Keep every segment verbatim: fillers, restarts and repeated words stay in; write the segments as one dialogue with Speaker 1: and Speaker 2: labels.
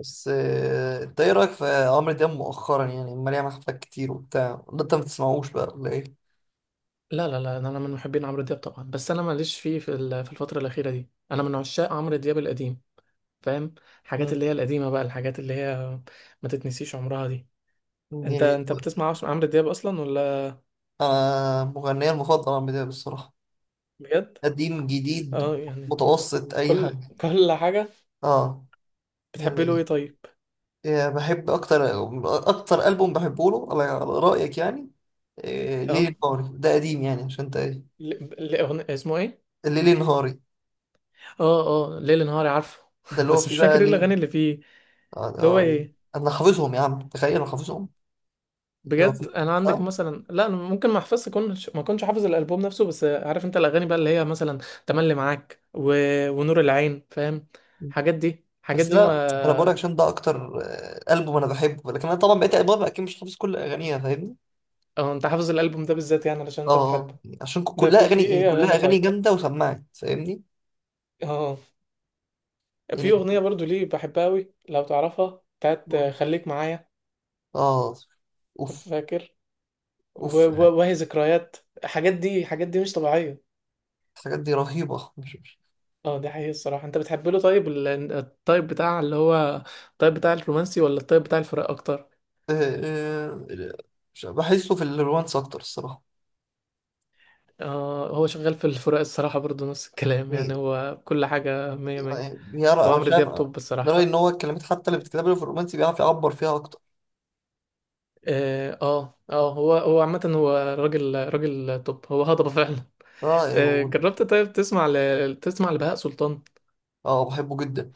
Speaker 1: بس آه، انت ايه رايك في عمرو دياب مؤخرا؟ يعني عمال يعمل حفلات كتير وبتاع، ولا انت ما بتسمعوش بقى ولا ايه؟
Speaker 2: لا، لا، لا، انا من محبين عمرو دياب طبعا. بس انا ماليش فيه في ال- في الفتره الاخيره دي. انا من عشاق عمرو دياب القديم. فاهم؟ حاجات
Speaker 1: مم.
Speaker 2: اللي هي القديمه بقى، الحاجات اللي هي ما تتنسيش عمرها دي. انت
Speaker 1: يعني
Speaker 2: انت بتسمع عش- عمرو دياب اصلا ولا؟
Speaker 1: انا مغنيه المفضل عمرو دياب الصراحه،
Speaker 2: بجد؟
Speaker 1: قديم
Speaker 2: اه
Speaker 1: جديد
Speaker 2: يعني.
Speaker 1: متوسط اي
Speaker 2: كل
Speaker 1: حاجه.
Speaker 2: كل حاجه.
Speaker 1: اه
Speaker 2: بتحب له
Speaker 1: يعني.
Speaker 2: ايه طيب؟
Speaker 1: آه، بحب اكتر اكتر البوم بحبه له، على على رايك يعني. آه،
Speaker 2: اه.
Speaker 1: ليلي نهاري، ده قديم يعني، عشان انت ايه.
Speaker 2: ل... ل... أغن... اسمه ايه؟
Speaker 1: ليلي نهاري
Speaker 2: اه. اه، ليل نهاري، عارفه.
Speaker 1: ده اللي هو
Speaker 2: بس
Speaker 1: فيه
Speaker 2: مش
Speaker 1: بقى
Speaker 2: فاكر ايه
Speaker 1: ليل.
Speaker 2: الاغاني اللي فيه.
Speaker 1: آه،
Speaker 2: اللي هو
Speaker 1: آه،
Speaker 2: ايه؟
Speaker 1: انا حافظهم يا عم، تخيل انا حافظهم. هو
Speaker 2: بجد؟
Speaker 1: فيه.
Speaker 2: انا عندك
Speaker 1: آه.
Speaker 2: مثلا، لا انا ممكن ما احفظش كنش ما كنتش حافظ الالبوم نفسه، بس عارف انت الاغاني بقى اللي هي مثلا تملي معاك و... ونور العين. فاهم؟ الحاجات دي الحاجات
Speaker 1: بس
Speaker 2: دي
Speaker 1: لا انا بقول لك
Speaker 2: ما...
Speaker 1: عشان ده اكتر آه، البوم انا بحبه، لكن انا طبعا بقيت البوم اكيد مش حافظ كل اغانيها، فاهمني.
Speaker 2: اه انت حافظ الالبوم ده بالذات يعني علشان
Speaker 1: اه
Speaker 2: انت بتحبه؟
Speaker 1: آه. عشان ك-
Speaker 2: ده
Speaker 1: كلها
Speaker 2: في
Speaker 1: اغاني
Speaker 2: في
Speaker 1: يعني،
Speaker 2: ايه
Speaker 1: كلها
Speaker 2: اغاني
Speaker 1: اغاني
Speaker 2: طيب؟
Speaker 1: جامده وسمعت فاهمني.
Speaker 2: اه. في
Speaker 1: يعني
Speaker 2: اغنيه برضو ليه بحبها قوي، لو تعرفها، بتاعت خليك معايا.
Speaker 1: اه اوف
Speaker 2: فاكر؟ و...
Speaker 1: اوف
Speaker 2: و...
Speaker 1: يعني.
Speaker 2: وهي ذكريات. الحاجات دي الحاجات دي مش طبيعيه.
Speaker 1: الحاجات دي رهيبه، مش مش.
Speaker 2: اه دي حقيقة الصراحة. انت بتحب له طيب ال- الطيب بتاع اللي هو الطيب بتاع الرومانسي ولا الطيب بتاع الفراق اكتر؟
Speaker 1: آه، آه، مش- بحسه في الرومانس اكتر الصراحه.
Speaker 2: آه هو شغال في الفراق الصراحة برضو نفس الكلام، يعني
Speaker 1: يعني
Speaker 2: هو كل حاجة مية مية.
Speaker 1: يعني بيعرف،
Speaker 2: هو
Speaker 1: انا مش
Speaker 2: عمرو
Speaker 1: عارف،
Speaker 2: دياب
Speaker 1: انا
Speaker 2: توب الصراحة.
Speaker 1: رايي ان هو الكلمات حتى اللي بتتكتب له في الرومانسي بيعرف يعبر فيها اكتر.
Speaker 2: اه، اه، آه، هو هو عامة، هو راجل راجل توب، هو هضبة فعلا.
Speaker 1: اه
Speaker 2: آه
Speaker 1: آه،
Speaker 2: جربت طيب تسمع ل... تسمع لبهاء سلطان؟
Speaker 1: اه بحبه جدا.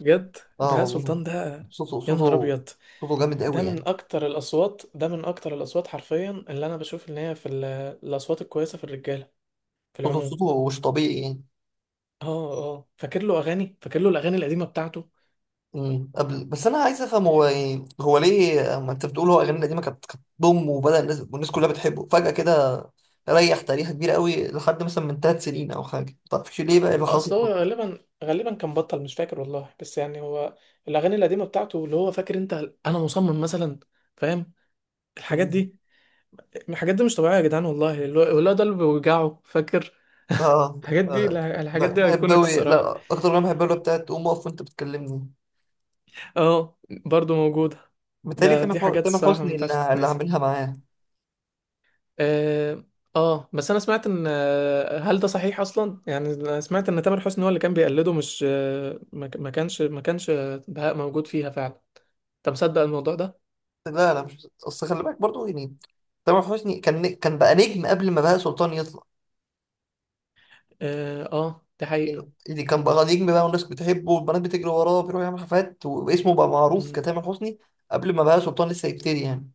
Speaker 2: جد؟
Speaker 1: اه
Speaker 2: بهاء
Speaker 1: والله.
Speaker 2: سلطان ده
Speaker 1: صوته
Speaker 2: يا
Speaker 1: صوته.
Speaker 2: نهار ابيض.
Speaker 1: صوته جامد
Speaker 2: ده
Speaker 1: قوي يعني.
Speaker 2: من اكتر الاصوات، ده من اكتر الاصوات حرفيا اللي انا بشوف ان هي في ال- الاصوات الكويسة في الرجالة، في
Speaker 1: صوته
Speaker 2: العموم.
Speaker 1: صوته مش طبيعي يعني.
Speaker 2: اه. اه. فاكر له اغاني، فاكر له الاغاني القديمه بتاعته؟
Speaker 1: امم قبل، بس انا عايز افهم، هو يعني هو ليه، ما انت بتقول هو اغاني القديمه كانت كانت بوم، وبدا الناس والناس كلها بتحبه فجاه كده، ريح تاريخ كبيره قوي لحد مثلا من ثلاث سنين او حاجه. ما تعرفش ليه بقى إيه اللي
Speaker 2: اه،
Speaker 1: حاصل؟
Speaker 2: اصل هو غالبا غالبا كان بطل مش فاكر والله، بس يعني هو الاغاني القديمه بتاعته اللي هو فاكر انت. انا مصمم مثلا. فاهم؟ الحاجات
Speaker 1: أمم.
Speaker 2: دي الحاجات دي مش طبيعيه يا جدعان والله. اللي هو اللي هو ده اللي بيوجعه، فاكر؟
Speaker 1: اه
Speaker 2: الحاجات دي،
Speaker 1: آه،
Speaker 2: لا،
Speaker 1: ب-
Speaker 2: الحاجات دي
Speaker 1: بحب
Speaker 2: ايكونيك
Speaker 1: قوي.
Speaker 2: الصراحه.
Speaker 1: لا، اكتر اغنيه بحبها اللي بتاعت قوم اقف وانت بتكلمني،
Speaker 2: اه، برضو موجوده.
Speaker 1: متهيألي
Speaker 2: ده
Speaker 1: تامر
Speaker 2: دي
Speaker 1: حو-
Speaker 2: حاجات
Speaker 1: تامر
Speaker 2: الصراحه ما
Speaker 1: حسني
Speaker 2: ينفعش
Speaker 1: اللي اللي
Speaker 2: تتنسي.
Speaker 1: عاملها معاه.
Speaker 2: اه، آه، بس انا سمعت ان آه، هل ده صحيح اصلا يعني أنا سمعت ان تامر حسني هو اللي كان بيقلده مش آه، ما ما كانش ما كانش بهاء موجود فيها فعلا انت مصدق الموضوع ده
Speaker 1: لا لا، مش اصل خلي بالك برضه يعني، تامر حسني كان كان بقى نجم قبل ما بهاء سلطان يطلع.
Speaker 2: اه آه، دي حقيقة.
Speaker 1: اللي كان بقى نجم بقى، والناس بتحبه والبنات بتجري وراه، بيروح يعمل حفلات واسمه بقى معروف
Speaker 2: مم.
Speaker 1: كتامر حسني، قبل ما بقى سلطان لسه يبتدي يعني.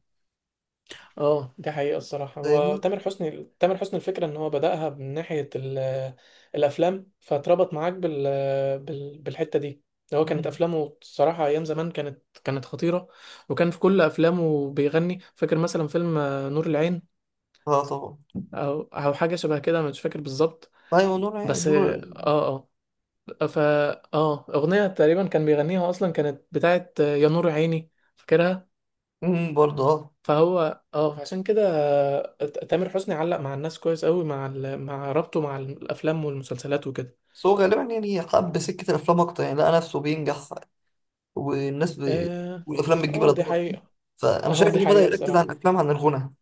Speaker 2: اه دي حقيقة الصراحة. هو
Speaker 1: فاهمني؟
Speaker 2: تامر حسني، تامر حسني الفكرة ان هو بدأها من ناحية ال- الافلام. فاتربط معاك بال... بال... بالحتة دي. هو كانت
Speaker 1: مم.
Speaker 2: افلامه الصراحة ايام زمان، كانت كانت خطيرة. وكان في كل افلامه بيغني. فاكر مثلا فيلم آه، نور العين؟
Speaker 1: اه طبعا.
Speaker 2: او او حاجه شبه كده، مش فاكر بالظبط.
Speaker 1: ايوه نور.
Speaker 2: بس
Speaker 1: نور.
Speaker 2: اه اه فا اه اغنيه تقريبا كان بيغنيها اصلا، كانت بتاعت يا نور عيني. فاكرها.
Speaker 1: مم، برضه اه.
Speaker 2: فهو اه عشان كده آه، تامر حسني علق مع الناس كويس قوي مع ال... مع ربطه مع الافلام والمسلسلات وكده.
Speaker 1: بس هو غالبا يعني حب سكة الأفلام أكتر، يعني لقى نفسه بينجح والناس ب...
Speaker 2: اه.
Speaker 1: والأفلام بتجيب
Speaker 2: اه دي
Speaker 1: إيرادات،
Speaker 2: حقيقه.
Speaker 1: فأنا
Speaker 2: اه
Speaker 1: شايف
Speaker 2: دي
Speaker 1: إنه بدأ
Speaker 2: حقيقه
Speaker 1: يركز على
Speaker 2: الصراحه.
Speaker 1: الأفلام عن الغنى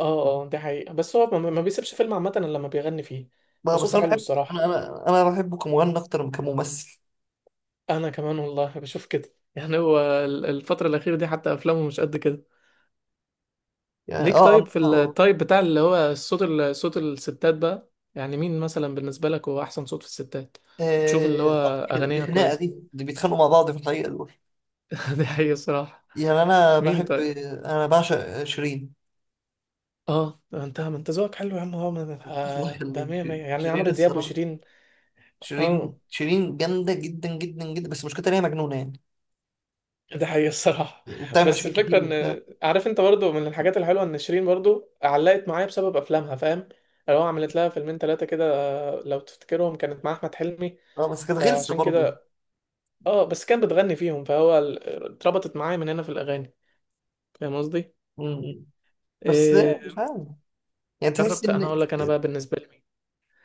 Speaker 2: اه، اه دي حقيقه. بس هو ما ما بيسيبش فيلم عامه الا لما بيغني فيه.
Speaker 1: بقى. بس
Speaker 2: وصوته
Speaker 1: أنا
Speaker 2: حلو
Speaker 1: بحب
Speaker 2: الصراحه.
Speaker 1: أنا أنا أنا بحبه كمغني أكتر من كممثل
Speaker 2: انا كمان والله بشوف كده. يعني هو ال- الفتره الاخيره دي حتى افلامه مش قد كده.
Speaker 1: يعني.
Speaker 2: ليك
Speaker 1: اه
Speaker 2: طيب في
Speaker 1: عندها.
Speaker 2: التايب بتاع اللي هو الصوت، ال- صوت الستات بقى، يعني مين مثلا بالنسبة لك هو أحسن صوت في الستات؟ تشوف اللي
Speaker 1: آه،
Speaker 2: هو
Speaker 1: آه، دي
Speaker 2: أغانيها
Speaker 1: خناقة،
Speaker 2: كويسة.
Speaker 1: دي دي بيتخانقوا مع بعض في الحقيقة دول
Speaker 2: دي حقيقة الصراحة.
Speaker 1: يعني. انا
Speaker 2: مين
Speaker 1: بحب
Speaker 2: طيب؟
Speaker 1: انا بعشق شيرين.
Speaker 2: اه، ده انت ما انت ذوقك حلو يا عم. هو من-
Speaker 1: الله
Speaker 2: آه، ده
Speaker 1: يخليك،
Speaker 2: مية مية
Speaker 1: شيرين
Speaker 2: يعني،
Speaker 1: شيرين
Speaker 2: عمرو دياب
Speaker 1: الصراحه.
Speaker 2: وشيرين.
Speaker 1: شيرين
Speaker 2: اه
Speaker 1: شيرين جامده جدا جدا جدا، بس مشكلتها ان هي مجنونه يعني،
Speaker 2: ده حقيقة الصراحة.
Speaker 1: وبتعمل
Speaker 2: بس
Speaker 1: مشاكل
Speaker 2: الفكرة
Speaker 1: كتير وبتاع.
Speaker 2: ان عارف انت برضو، من الحاجات الحلوة ان شيرين برضو علقت معايا بسبب افلامها. فاهم؟ لو عملت لها فيلمين ثلاثة كده، آه، لو تفتكرهم، كانت مع احمد حلمي.
Speaker 1: اه بس كانت غلسه
Speaker 2: فعشان
Speaker 1: برضه.
Speaker 2: كده اه، بس كان بتغني فيهم، فهو ال- اتربطت معايا من هنا في الاغاني. فاهم قصدي؟
Speaker 1: م- بس
Speaker 2: إيه؟
Speaker 1: مش عارف يعني. تحس
Speaker 2: جربت؟ انا
Speaker 1: ان
Speaker 2: اقول لك انا بقى بالنسبه لي مين.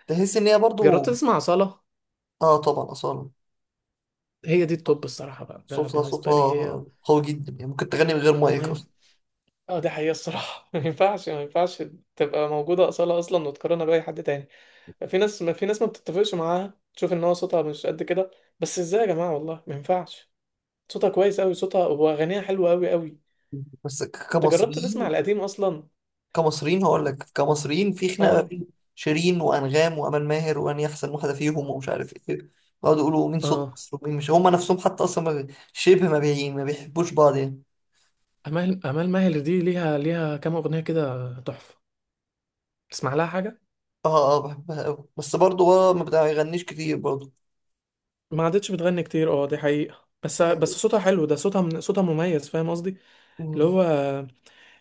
Speaker 1: تحس ان هي
Speaker 2: جربت
Speaker 1: برضه.
Speaker 2: تسمع أصالة؟
Speaker 1: اه طبعا اصلا.
Speaker 2: هي دي التوب الصراحه بقى، ده
Speaker 1: صوتها
Speaker 2: بالنسبه لي
Speaker 1: صوتها
Speaker 2: هي.
Speaker 1: قوي جدا يعني، ممكن تغني من غير مايك
Speaker 2: ما
Speaker 1: اصلا.
Speaker 2: ينف... اه دي حقيقه الصراحه. ما ينفعش، ما ينفعش تبقى موجوده أصالة اصلا وتقارنها باي حد تاني. في ناس، ما في ناس ما بتتفقش معاها، تشوف ان هو صوتها مش قد كده. بس ازاي يا جماعه والله، ما ينفعش. صوتها كويس قوي، صوتها واغانيها حلوه قوي قوي.
Speaker 1: بس ك-
Speaker 2: انت جربت تسمع
Speaker 1: كمصريين
Speaker 2: القديم اصلا؟
Speaker 1: كمصريين هقول لك، كمصريين في خناقه ما
Speaker 2: اه.
Speaker 1: بين شيرين وانغام وامل ماهر، وان يحسن واحده فيهم ومش عارف ايه، يقعدوا يقولوا مين صوت
Speaker 2: اه.
Speaker 1: مصر ومين مش، هم نفسهم حتى اصلا ما بي- شبه ما بي... ما بيحبوش بعض يعني.
Speaker 2: امال امال ماهر دي ليها ليها كام اغنيه كده تحفه. تسمع لها حاجه؟
Speaker 1: اه اه، آه، بحبها قوي، بس برضه هو ما بيغنيش كتير برضه.
Speaker 2: ما عادتش بتغني كتير، اه دي حقيقه. بس بس صوتها حلو، ده صوتها من صوتها مميز، فاهم قصدي؟ اللي
Speaker 1: مم.
Speaker 2: هو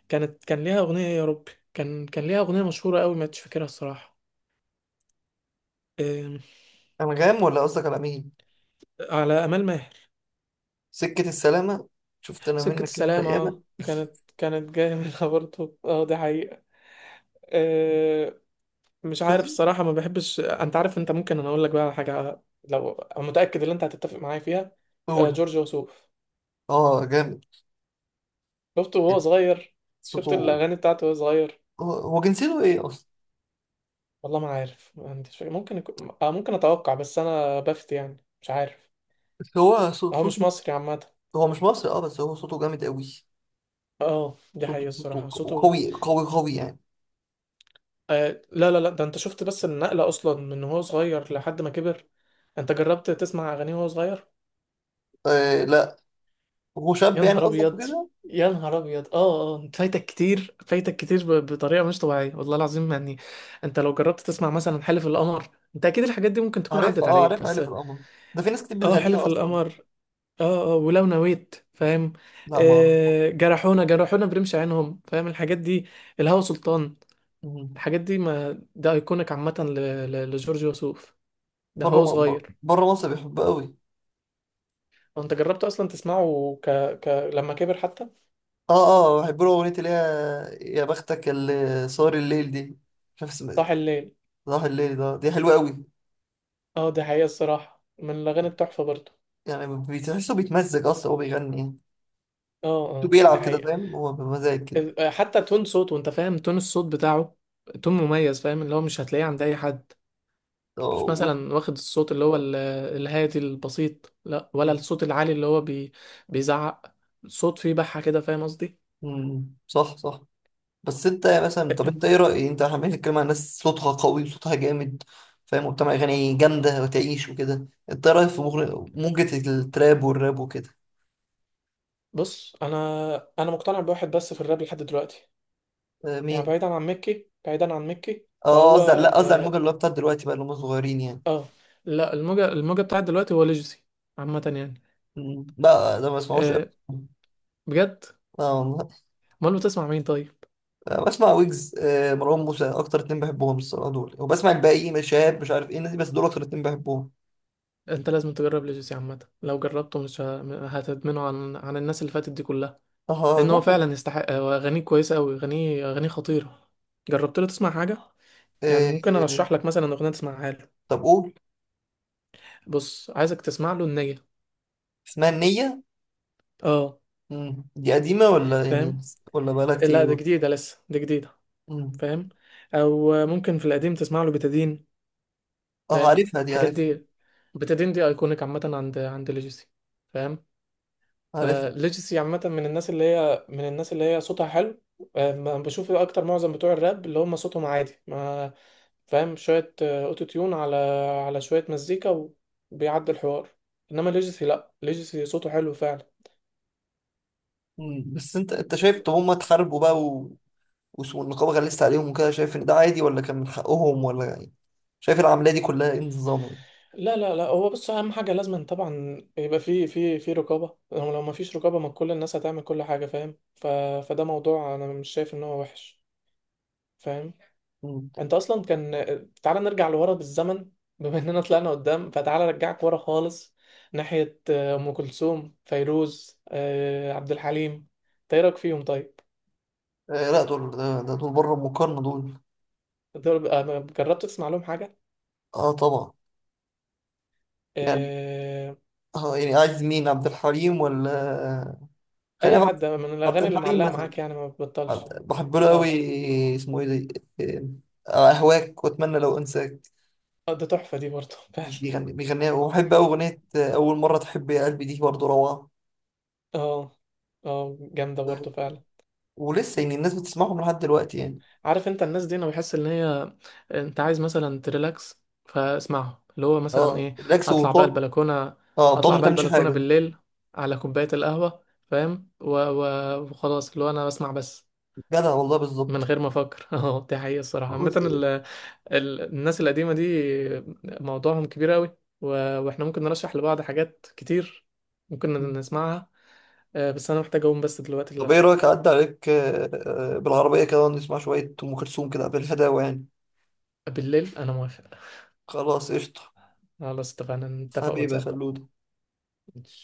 Speaker 2: كانت كان ليها اغنيه يا رب. كان كان ليها اغنيه مشهوره قوي، ما عادش فاكرها الصراحه. أم،
Speaker 1: انغام، ولا قصدك على مين؟
Speaker 2: على امال ماهر.
Speaker 1: سكه السلامه. شفت انا
Speaker 2: سكه
Speaker 1: منك انت
Speaker 2: السلامه،
Speaker 1: ياما.
Speaker 2: اه كانت كانت جايه منها برضه. اه دي حقيقه. آه، مش عارف
Speaker 1: بس
Speaker 2: الصراحة، ما بحبش. انت عارف، انت ممكن انا اقول لك بقى على حاجة، لو أنا متأكد ان انت هتتفق معايا فيها. آه،
Speaker 1: قول.
Speaker 2: جورج وسوف.
Speaker 1: اه جامد،
Speaker 2: شفته وهو صغير؟ شفت
Speaker 1: صوته.
Speaker 2: الاغاني بتاعته وهو صغير؟
Speaker 1: هو هو جنسيته ايه اصلا؟
Speaker 2: والله ما عارف، ما عنديش فكرة. ممكن يكون- آه، ممكن اتوقع، بس انا بفتي يعني، مش عارف.
Speaker 1: بس هو صو-
Speaker 2: هو مش
Speaker 1: صوته.
Speaker 2: مصري عامة.
Speaker 1: هو مش مصري، اه بس هو صوته جامد قوي.
Speaker 2: اه دي
Speaker 1: صوته
Speaker 2: حقيقة الصراحة،
Speaker 1: صوته
Speaker 2: صوته.
Speaker 1: قوي قوي قوي يعني.
Speaker 2: آه لا، لا، لا، ده انت شفت بس النقلة اصلا من وهو صغير لحد ما كبر. انت جربت تسمع اغانيه وهو صغير؟
Speaker 1: آه لا. هو
Speaker 2: يا
Speaker 1: شاب يعني
Speaker 2: نهار
Speaker 1: قصدك
Speaker 2: ابيض،
Speaker 1: كده؟
Speaker 2: يا نهار ابيض. اه، اه، انت فايتك كتير، فايتك كتير ب- بطريقه مش طبيعيه والله العظيم يعني. انت لو جربت تسمع مثلا حلف القمر. انت اكيد الحاجات دي ممكن تكون
Speaker 1: عارفها،
Speaker 2: عدت
Speaker 1: اه
Speaker 2: عليك،
Speaker 1: عارفها،
Speaker 2: بس.
Speaker 1: عارف القمر، ده في ناس كتير
Speaker 2: اه،
Speaker 1: بتغنيها
Speaker 2: حلف
Speaker 1: اصلا.
Speaker 2: القمر. اه، اه، ولو نويت، فاهم؟
Speaker 1: لا ما اعرف.
Speaker 2: آه جرحونا، جرحونا برمش عينهم. فاهم الحاجات دي؟ الهوى سلطان.
Speaker 1: مم.
Speaker 2: الحاجات دي، ما ده ايكونيك عامه ل- ل- لجورج وسوف. ده
Speaker 1: بره
Speaker 2: هو
Speaker 1: م... بر-
Speaker 2: صغير.
Speaker 1: بره مصر بيحبها قوي.
Speaker 2: هو انت جربت اصلا تسمعه ك... ك... لما كبر حتى؟
Speaker 1: اه اه، بحب له اغنيه اللي هي يا بختك اللي صار الليل دي. مش عارف اسمها إيه.
Speaker 2: صاح الليل.
Speaker 1: صباح الليل، ده دي حلوه قوي
Speaker 2: اه دي حقيقه الصراحه، من الاغاني التحفه برضه.
Speaker 1: يعني. بتحسه بيتمزج اصلا هو بيغني يعني،
Speaker 2: اه. اه دي
Speaker 1: بيلعب كده
Speaker 2: حقيقة.
Speaker 1: فاهم، هو بمزاج كده.
Speaker 2: ال- آه، حتى تون صوته، انت فاهم؟ تون الصوت بتاعه تون مميز، فاهم؟ اللي هو مش هتلاقيه عند اي حد.
Speaker 1: آه،
Speaker 2: مش
Speaker 1: و...
Speaker 2: مثلا واخد الصوت اللي هو ال- الهادي البسيط، لا، ولا
Speaker 1: مم.
Speaker 2: الصوت العالي اللي هو بي بيزعق. صوت فيه بحة كده، فاهم قصدي؟
Speaker 1: مم. صح صح. بس انت مثلا، طب انت ايه رأي، انت عمال تتكلم عن ناس صوتها قوي وصوتها جامد فاهم وبتعمل اغاني جامدة وتعيش وكده، انت إيه رأيك في مغر- موجة التراب والراب وكده؟
Speaker 2: بص انا، انا مقتنع بواحد بس في الراب لحد دلوقتي،
Speaker 1: اه،
Speaker 2: يعني
Speaker 1: مين؟
Speaker 2: بعيدا عن ميكي، بعيدا عن ميكي،
Speaker 1: اه،
Speaker 2: فهو...
Speaker 1: قصدي على- لا، قصدي على الموجة
Speaker 2: اه,
Speaker 1: اللي هو بتاعت دلوقتي بقى، اللي هم صغيرين يعني.
Speaker 2: آه لا، الموجة الموجة بتاعت دلوقتي هو ليجسي عامة يعني.
Speaker 1: مم، لا ده ما بسمعوش
Speaker 2: آه
Speaker 1: قوي.
Speaker 2: بجد؟
Speaker 1: اه والله.
Speaker 2: امال بتسمع مين طيب؟
Speaker 1: اه، بسمع ويجز، اه، مروان موسى، اكتر اتنين بحبهم الصراحة دول، وبسمع الباقي، مش شهاب، مش عارف ايه الناس دي، بس دول اكتر اتنين بحبهم.
Speaker 2: انت لازم تجرب ليجاسي عامه، لو جربته مش ه- هتدمنه عن عن الناس اللي فاتت دي كلها.
Speaker 1: اه
Speaker 2: لان هو
Speaker 1: جرب.
Speaker 2: فعلا يستحق، هو اغانيه كويسه قوي، اغانيه اغانيه خطيره. جربت له تسمع حاجه؟ يعني
Speaker 1: اه،
Speaker 2: ممكن ارشح لك مثلا اغنيه تسمعها له.
Speaker 1: طب قول.
Speaker 2: بص عايزك تسمع له النية.
Speaker 1: اسمها النية؟
Speaker 2: اه،
Speaker 1: مم. دي قديمة ولا يعني،
Speaker 2: فاهم؟
Speaker 1: ولا بقالها
Speaker 2: لا، ده
Speaker 1: كتير؟
Speaker 2: جديده لسه، دي جديده.
Speaker 1: مم.
Speaker 2: فاهم؟ او ممكن في القديم تسمع له بتادين.
Speaker 1: اه
Speaker 2: فاهم
Speaker 1: عارفها، دي
Speaker 2: الحاجات
Speaker 1: عارفها.
Speaker 2: دي؟ بتادين دي ايكونيك عامه عند عند ليجاسي. فاهم؟
Speaker 1: عارفها.
Speaker 2: فليجسي عامة من الناس اللي هي، من الناس اللي هي صوتها حلو. آه، ما بشوف إيه، اكتر معظم بتوع الراب اللي هم صوتهم عادي، ما فاهم، شوية آه، اوتو تيون على على شوية مزيكا، وبيعدي الحوار. انما ليجسي، لا، ليجسي صوته حلو فعلا.
Speaker 1: مم. بس انت انت شايف، طب هما اتحاربوا بقى و... وس- والنقابة غلست عليهم وكده، شايف ان ده عادي ولا كان من حقهم، ولا يعني، شايف العملية دي كلها ايه النظام يعني؟
Speaker 2: لا، لا، لا، هو بص، اهم حاجة لازم طبعا يبقى في في في رقابة. لو لو ما فيش رقابة، ما كل الناس هتعمل كل حاجة. فاهم؟ ف... فده موضوع انا مش شايف ان هو وحش. فاهم؟
Speaker 1: مم.
Speaker 2: انت اصلا كان... تعالى نرجع لورا بالزمن. بما اننا طلعنا قدام، فتعالى ارجعك ورا خالص، ناحية آه، ام كلثوم، فيروز، آه، عبد الحليم. انت ايه رايك فيهم طيب؟
Speaker 1: آه لا، دول، ده, ده دول بره المقارنة دول.
Speaker 2: دول- آه، جربت تسمع لهم حاجة؟
Speaker 1: اه طبعا. يعني
Speaker 2: آه،
Speaker 1: اه يعني عايز مين، عبد الحليم ولا؟ آه، خلينا
Speaker 2: اي
Speaker 1: في عبد
Speaker 2: حد من
Speaker 1: عبد
Speaker 2: الاغاني اللي
Speaker 1: الحليم
Speaker 2: معلقة
Speaker 1: مثلا.
Speaker 2: معاك يعني ما بتبطلش.
Speaker 1: عبد- بحب له قوي.
Speaker 2: اه،
Speaker 1: اسمه ايه ده؟ آه، اهواك، واتمنى لو انساك.
Speaker 2: آه، ده تحفة دي برضه فعلا.
Speaker 1: بيغني بيغنيها، وبحب أوي أغنية أول مرة تحب يا قلبي دي برضه روعة.
Speaker 2: اه. اه جامدة برضه فعلا.
Speaker 1: ولسه يعني الناس بتسمعهم لحد دلوقتي يعني.
Speaker 2: عارف انت الناس دي انا بحس ان هي... انت عايز مثلا تريلاكس، فاسمعه اللي هو مثلا
Speaker 1: اه
Speaker 2: ايه.
Speaker 1: ريلاكس
Speaker 2: اطلع بقى
Speaker 1: وطن.
Speaker 2: البلكونه،
Speaker 1: اه طن
Speaker 2: اطلع
Speaker 1: ما
Speaker 2: بقى
Speaker 1: تعملش
Speaker 2: البلكونه
Speaker 1: حاجة.
Speaker 2: بالليل، على كوبايه القهوه. فاهم؟ و... و... وخلاص، اللي هو انا بسمع بس
Speaker 1: جدع والله،
Speaker 2: من
Speaker 1: بالظبط.
Speaker 2: غير ما افكر. اه دي حقيقه الصراحه عامه،
Speaker 1: خلاص إيه.
Speaker 2: ال... ال... الناس القديمه دي موضوعهم كبير قوي، و... واحنا ممكن نرشح لبعض حاجات كتير، ممكن نسمعها. آه، بس انا محتاج اقوم بس دلوقتي
Speaker 1: طب ايه
Speaker 2: للاسف.
Speaker 1: رأيك، أعدي عليك آه، آه، بالعربية كده ونسمع شوية أم كلثوم كده بالهداوة يعني.
Speaker 2: بالليل انا موافق.
Speaker 1: خلاص قشطة.
Speaker 2: خلاص، اتفقنا نتفق
Speaker 1: حبيبي يا
Speaker 2: واتساب
Speaker 1: خلود.
Speaker 2: بقى.